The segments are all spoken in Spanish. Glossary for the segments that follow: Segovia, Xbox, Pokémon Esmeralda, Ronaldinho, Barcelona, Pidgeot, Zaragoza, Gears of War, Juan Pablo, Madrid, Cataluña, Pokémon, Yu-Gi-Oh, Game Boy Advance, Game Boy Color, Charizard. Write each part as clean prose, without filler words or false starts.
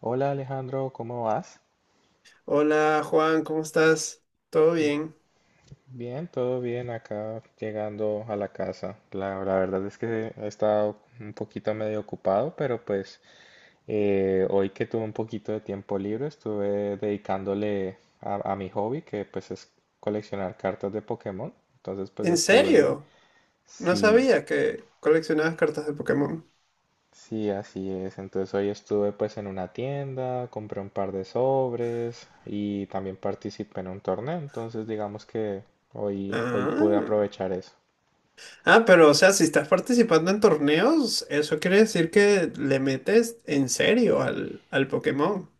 Hola Alejandro, ¿cómo vas? Hola Juan, ¿cómo estás? ¿Todo bien? Bien, todo bien acá llegando a la casa. La verdad es que he estado un poquito medio ocupado, pero hoy que tuve un poquito de tiempo libre estuve dedicándole a mi hobby, que pues es coleccionar cartas de Pokémon. Entonces pues ¿En estuve, serio? No sí. sabía que coleccionabas cartas de Pokémon. Sí, así es. Entonces hoy estuve pues en una tienda, compré un par de sobres y también participé en un torneo. Entonces digamos que hoy pude Ah. aprovechar eso. Ah, pero o sea, si estás participando en torneos, eso quiere decir que le metes en serio al Pokémon.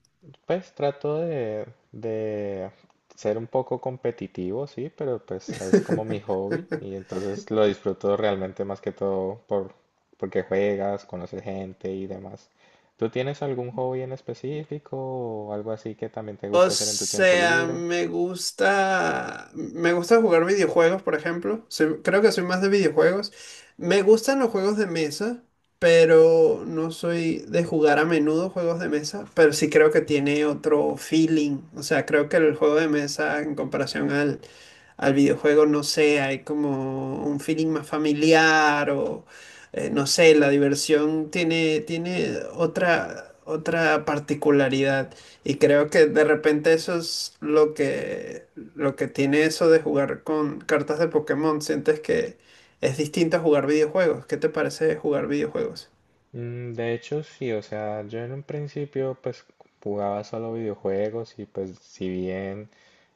Pues trato de ser un poco competitivo, sí, pero pues es como mi hobby y entonces lo disfruto realmente más que todo porque juegas, conoces gente y demás. ¿Tú tienes algún hobby en específico o algo así que también te O gusta hacer en tu tiempo sea, libre? me gusta jugar videojuegos, por ejemplo. Creo que soy más de videojuegos. Me gustan los juegos de mesa, pero no soy de jugar a menudo juegos de mesa, pero sí creo que tiene otro feeling. O sea, creo que el juego de mesa en comparación al videojuego, no sé, hay como un feeling más familiar o no sé, la diversión tiene, tiene otra particularidad. Y creo que de repente eso es lo que tiene eso de jugar con cartas de Pokémon. Sientes que es distinto a jugar videojuegos. ¿Qué te parece jugar videojuegos? De hecho, sí, o sea, yo en un principio pues jugaba solo videojuegos y pues si bien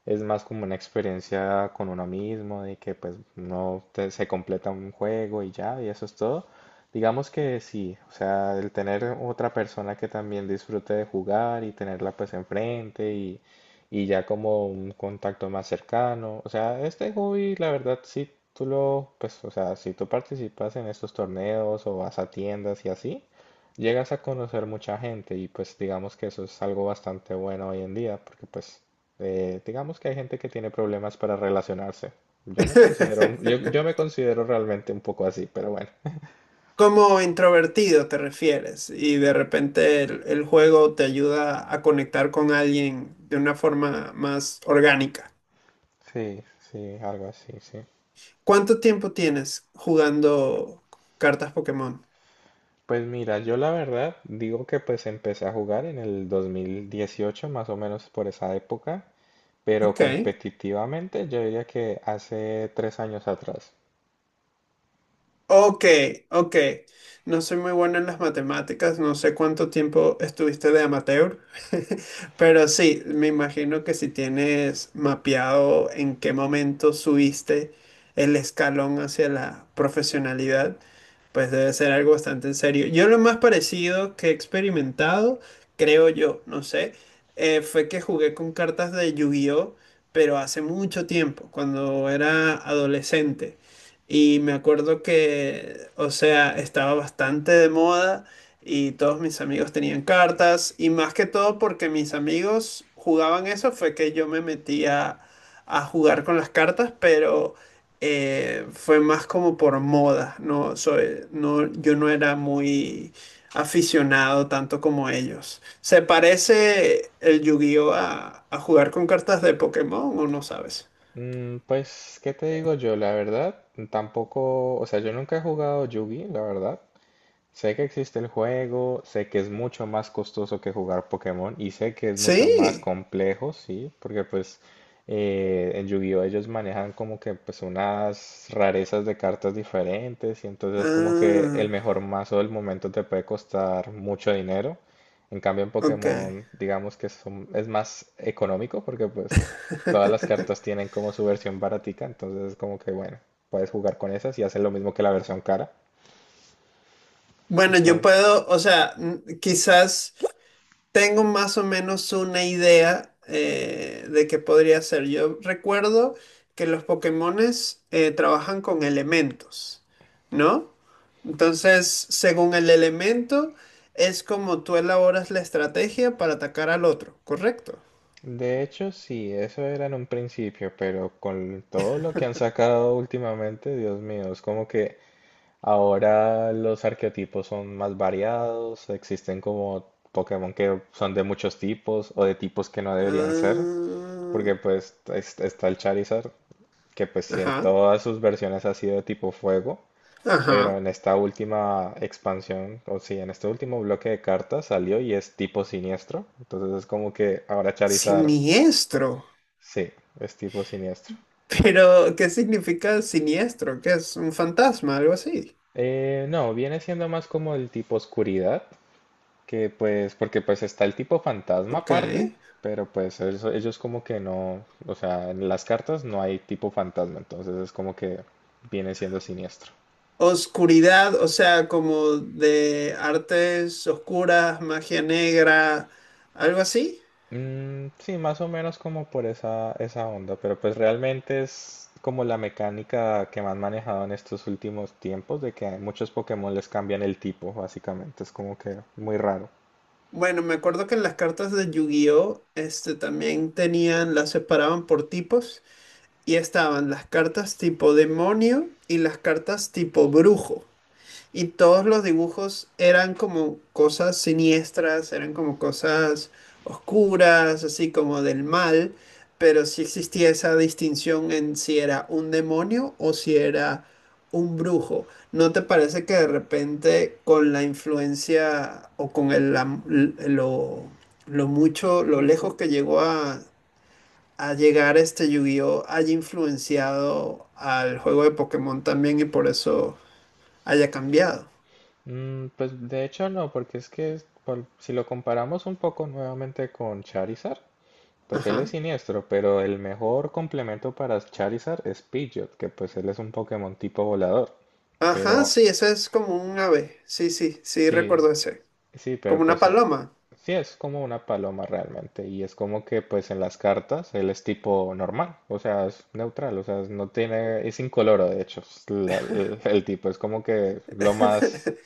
es más como una experiencia con uno mismo, de que pues no se completa un juego y ya, y eso es todo, digamos que sí, o sea, el tener otra persona que también disfrute de jugar y tenerla pues enfrente y ya como un contacto más cercano. O sea, este hobby, la verdad, si tú lo, pues, o sea, si tú participas en estos torneos o vas a tiendas y así, llegas a conocer mucha gente y pues digamos que eso es algo bastante bueno hoy en día, porque digamos que hay gente que tiene problemas para relacionarse. Yo me considero, yo, me considero realmente un poco así, pero bueno. Como introvertido te refieres y de repente el juego te ayuda a conectar con alguien de una forma más orgánica. Sí, sí, algo así, sí. ¿Cuánto tiempo tienes jugando cartas Pokémon? Pues mira, yo la verdad digo que pues empecé a jugar en el 2018, más o menos por esa época, pero Ok. competitivamente yo diría que hace 3 años atrás. Ok, ok. No soy muy bueno en las matemáticas, no sé cuánto tiempo estuviste de amateur, pero sí, me imagino que si tienes mapeado en qué momento subiste el escalón hacia la profesionalidad, pues debe ser algo bastante en serio. Yo lo más parecido que he experimentado, creo yo, no sé, fue que jugué con cartas de Yu-Gi-Oh, pero hace mucho tiempo, cuando era adolescente. Y me acuerdo que, o sea, estaba bastante de moda y todos mis amigos tenían cartas. Y más que todo porque mis amigos jugaban eso, fue que yo me metía a jugar con las cartas, pero fue más como por moda, no soy, no, yo no era muy aficionado tanto como ellos. ¿Se parece el Yu-Gi-Oh a jugar con cartas de Pokémon o no sabes? Pues, ¿qué te digo yo? La verdad, tampoco, o sea, yo nunca he jugado Yugi, la verdad. Sé que existe el juego, sé que es mucho más costoso que jugar Pokémon y sé que es mucho más Sí. complejo, sí, porque en Yu-Gi-Oh ellos manejan como que pues unas rarezas de cartas diferentes y entonces como que el Ah, mejor mazo del momento te puede costar mucho dinero. En cambio en ok. Pokémon digamos que es más económico porque pues todas las cartas tienen como su versión baratica, entonces como que bueno, puedes jugar con esas y hacen lo mismo que la versión cara. Bueno, yo puedo, o sea, quizás tengo más o menos una idea de qué podría ser. Yo recuerdo que los Pokémones trabajan con elementos, ¿no? Entonces, según el elemento, es como tú elaboras la estrategia para atacar al otro, ¿correcto? De hecho, sí, eso era en un principio, pero con todo lo que han sacado últimamente, Dios mío, es como que ahora los arqueotipos son más variados, existen como Pokémon que son de muchos tipos o de tipos que no deberían ser, Ah, porque pues está el Charizard, que pues sí, en ajá, todas sus versiones ha sido de tipo fuego, pero ajá. en esta última expansión, o sí, en este último bloque de cartas salió y es tipo siniestro, entonces es como que ahora Charizard. Siniestro. Sí, es tipo siniestro. Pero, ¿qué significa siniestro? ¿Qué es? ¿Un fantasma? Algo así. No, viene siendo más como el tipo oscuridad, que pues, porque pues está el tipo fantasma Ok. aparte, pero pues ellos como que no, o sea, en las cartas no hay tipo fantasma, entonces es como que viene siendo siniestro. Oscuridad, o sea, como de artes oscuras, magia negra, algo así. Mm, sí, más o menos como por esa onda, pero pues realmente es como la mecánica que me han manejado en estos últimos tiempos, de que a muchos Pokémon les cambian el tipo, básicamente, es como que muy raro. Bueno, me acuerdo que en las cartas de Yu-Gi-Oh, este también tenían, las separaban por tipos y estaban las cartas tipo demonio y las cartas tipo brujo. Y todos los dibujos eran como cosas siniestras, eran como cosas oscuras, así como del mal, pero sí existía esa distinción en si era un demonio o si era un brujo. ¿No te parece que de repente con la influencia o con el, am- l- lo mucho, lo lejos que llegó a llegar este Yu-Gi-Oh haya influenciado al juego de Pokémon también y por eso haya cambiado? Pues de hecho no, porque es que si lo comparamos un poco nuevamente con Charizard, pues él es Ajá. siniestro, pero el mejor complemento para Charizard es Pidgeot, que pues él es un Pokémon tipo volador. Ajá, Pero sí, eso es como un ave. Sí, sí, sí, sí, recuerdo ese. sí, Como pero una paloma. sí es como una paloma realmente y es como que pues en las cartas él es tipo normal, o sea, es neutral, o sea, no tiene, es incoloro de hecho, es el tipo es como que lo más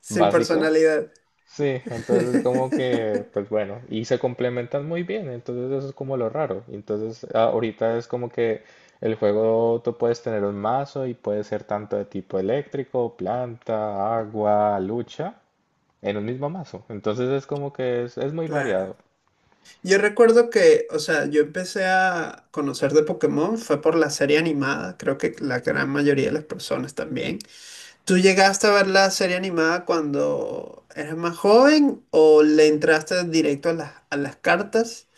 Sin básico. personalidad. Sí, entonces como que, pues bueno, y se complementan muy bien, entonces eso es como lo raro. Entonces ahorita es como que el juego tú puedes tener un mazo y puede ser tanto de tipo eléctrico, planta, agua, lucha, en un mismo mazo. Entonces es como que es muy Claro. variado. Yo recuerdo que, o sea, yo empecé a conocer de Pokémon fue por la serie animada, creo que la gran mayoría de las personas también. ¿Tú llegaste a ver la serie animada cuando eras más joven o le entraste directo a las cartas?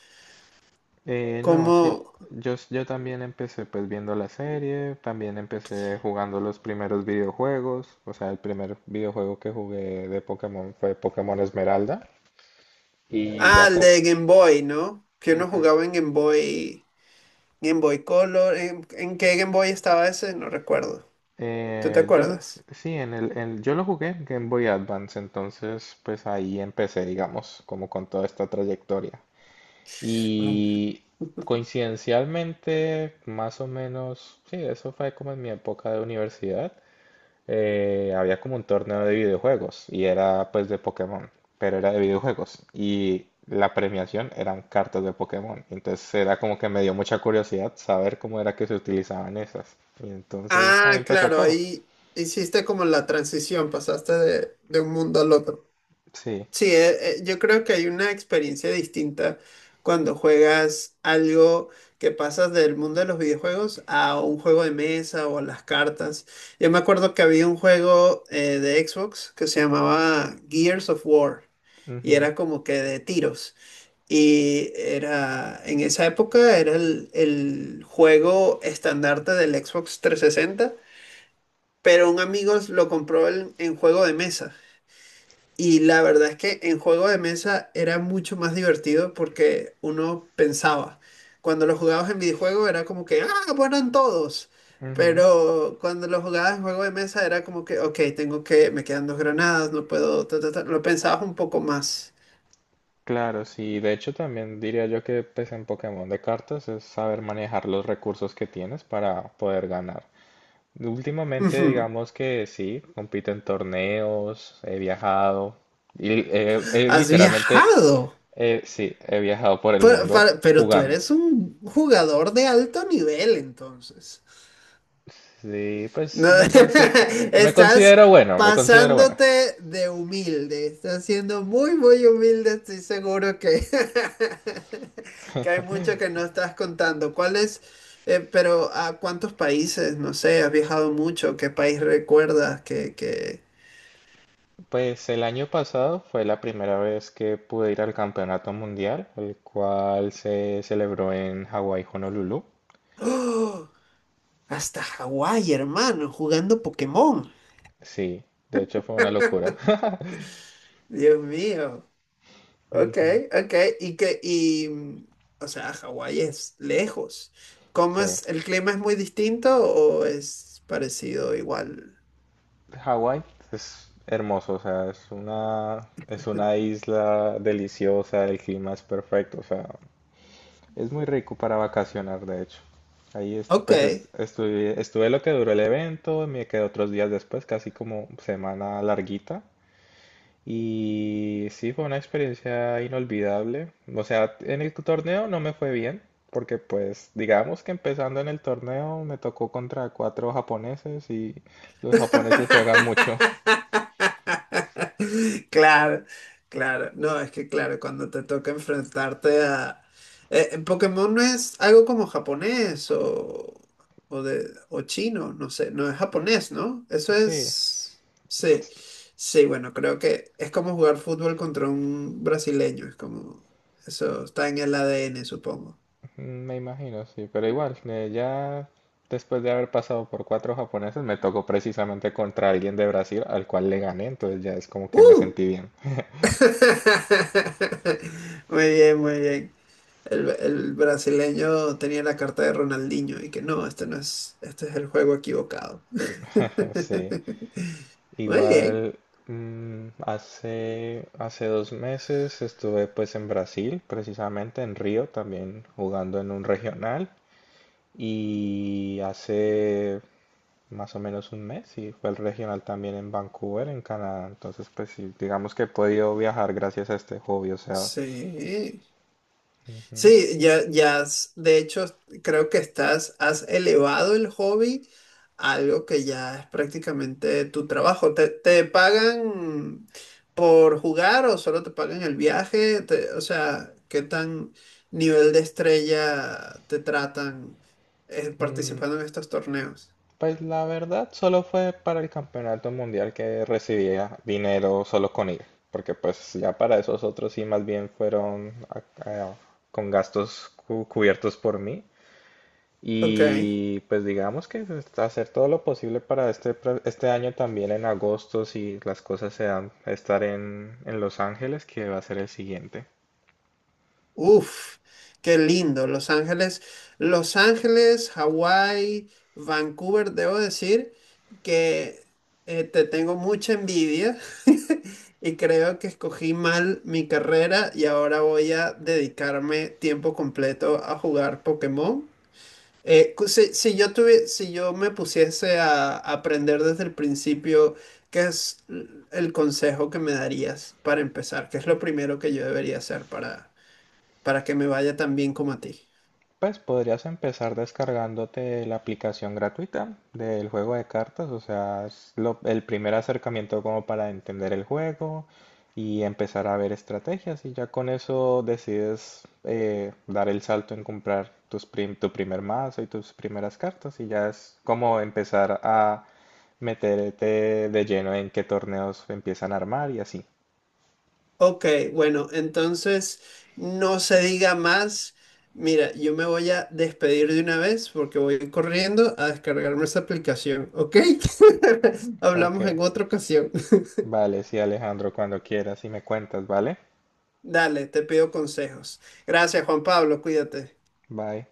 No, Como, sí, yo, yo también empecé pues viendo la serie, también empecé jugando los primeros videojuegos, o sea, el primer videojuego que jugué de Pokémon fue Pokémon Esmeralda. Y ah, ya, el de Game Boy, ¿no? Que uno jugaba en Game Boy. Game Boy Color. ¿En qué Game Boy estaba ese? No recuerdo. ¿Tú te Eh, yo lo, acuerdas? sí, en yo lo jugué en Game Boy Advance, entonces pues ahí empecé, digamos, como con toda esta trayectoria. Mm. Y coincidencialmente, más o menos, sí, eso fue como en mi época de universidad, había como un torneo de videojuegos y era pues de Pokémon, pero era de videojuegos y la premiación eran cartas de Pokémon. Entonces era como que me dio mucha curiosidad saber cómo era que se utilizaban esas. Y entonces ahí Ah, empezó claro, todo. ahí hiciste como la transición, pasaste de un mundo al otro. Sí, Sí, yo creo que hay una experiencia distinta cuando juegas algo que pasas del mundo de los videojuegos a un juego de mesa o a las cartas. Yo me acuerdo que había un juego de Xbox que se llamaba Gears of War y ujú, era como que de tiros. Y era, en esa época era el juego estandarte del Xbox 360 pero un amigo lo compró en juego de mesa. Y la verdad es que en juego de mesa era mucho más divertido porque uno pensaba. Cuando lo jugabas en videojuego era como que, ah, mueran todos. ujú. Pero cuando lo jugabas en juego de mesa era como que, ok, tengo que, me quedan dos granadas, no puedo, ta, ta, ta". Lo pensabas un poco más. Claro, sí. De hecho, también diría yo que pues, en Pokémon de cartas es saber manejar los recursos que tienes para poder ganar. Últimamente, Ujú. digamos que sí, compito en torneos, he viajado y ¿Has literalmente, viajado? Sí, he viajado por el mundo Pero tú jugando. eres un jugador de alto nivel, entonces. Sí, No, pues me estás considero bueno, me considero bueno. pasándote de humilde. Estás siendo muy humilde. Estoy seguro que, que hay mucho que no estás contando. ¿Cuál es? Pero ¿a cuántos países? No sé, has viajado mucho. ¿Qué país recuerdas? Que... Pues el año pasado fue la primera vez que pude ir al campeonato mundial, el cual se celebró en Hawái, Honolulu. ¡Oh! Hasta Hawái, hermano, jugando Pokémon. Sí, de hecho fue una locura. Dios mío. Ok, Ujú. ok. Y que, y, o sea, Hawái es lejos. ¿Cómo Sí, es? ¿El clima es muy distinto o es parecido igual? Hawái es hermoso, o sea, es una isla deliciosa, el clima es perfecto, o sea, es muy rico para vacacionar, de hecho. Ahí Ok, estuve, estuve lo que duró el evento, me quedé otros días después, casi como semana larguita. Y sí, fue una experiencia inolvidable. O sea, en el torneo no me fue bien, porque pues digamos que empezando en el torneo me tocó contra 4 japoneses y los japoneses juegan mucho. claro, claro. No, es que claro, cuando te toca enfrentarte a... Pokémon no es algo como japonés o chino, no sé, no es japonés, ¿no? Eso Sí, es... Sí, sí, bueno, creo que es como jugar fútbol contra un brasileño, es como... Eso está en el ADN, supongo. me imagino, sí, pero igual, ya después de haber pasado por 4 japoneses me tocó precisamente contra alguien de Brasil al cual le gané, entonces ya es como que me ¡Uh! sentí bien. Muy bien, muy bien. El brasileño tenía la carta de Ronaldinho y que no, este no es, este es el juego equivocado. Sí. Muy bien. Igual hace, hace 2 meses estuve pues en Brasil, precisamente en Río, también jugando en un regional. Y hace más o menos un mes, y fue el regional también en Vancouver, en Canadá. Entonces pues sí, digamos que he podido viajar gracias a este hobby, o sea. Sí. Ujú. Sí, ya, ya, de hecho, creo que estás, has elevado el hobby a algo que ya es prácticamente tu trabajo. ¿Te pagan por jugar o solo te pagan el viaje? O sea, ¿qué tan nivel de estrella te tratan Mm, participando en estos torneos? Pues la verdad solo fue para el campeonato mundial que recibía dinero solo con ir, porque pues ya para esos otros sí más bien a- con gastos cubiertos por mí Ok. y pues digamos que es hacer todo lo posible para este año también en agosto si las cosas se dan, estar en Los Ángeles que va a ser el siguiente. Uf, qué lindo. Los Ángeles, Los Ángeles, Hawái, Vancouver, debo decir que te tengo mucha envidia y creo que escogí mal mi carrera y ahora voy a dedicarme tiempo completo a jugar Pokémon. Si yo si yo me pusiese a aprender desde el principio, ¿qué es el consejo que me darías para empezar? ¿Qué es lo primero que yo debería hacer para que me vaya tan bien como a ti. Pues podrías empezar descargándote la aplicación gratuita del juego de cartas, o sea, es el primer acercamiento como para entender el juego y empezar a ver estrategias y ya con eso decides dar el salto en comprar tus tu primer mazo y tus primeras cartas y ya es como empezar a meterte de lleno en qué torneos empiezan a armar y así. Ok, bueno, entonces no se diga más. Mira, yo me voy a despedir de una vez porque voy corriendo a descargarme esa aplicación, ¿ok? Ok, Hablamos en otra ocasión. vale, sí Alejandro, cuando quieras y me cuentas, ¿vale? Dale, te pido consejos. Gracias, Juan Pablo, cuídate. Bye.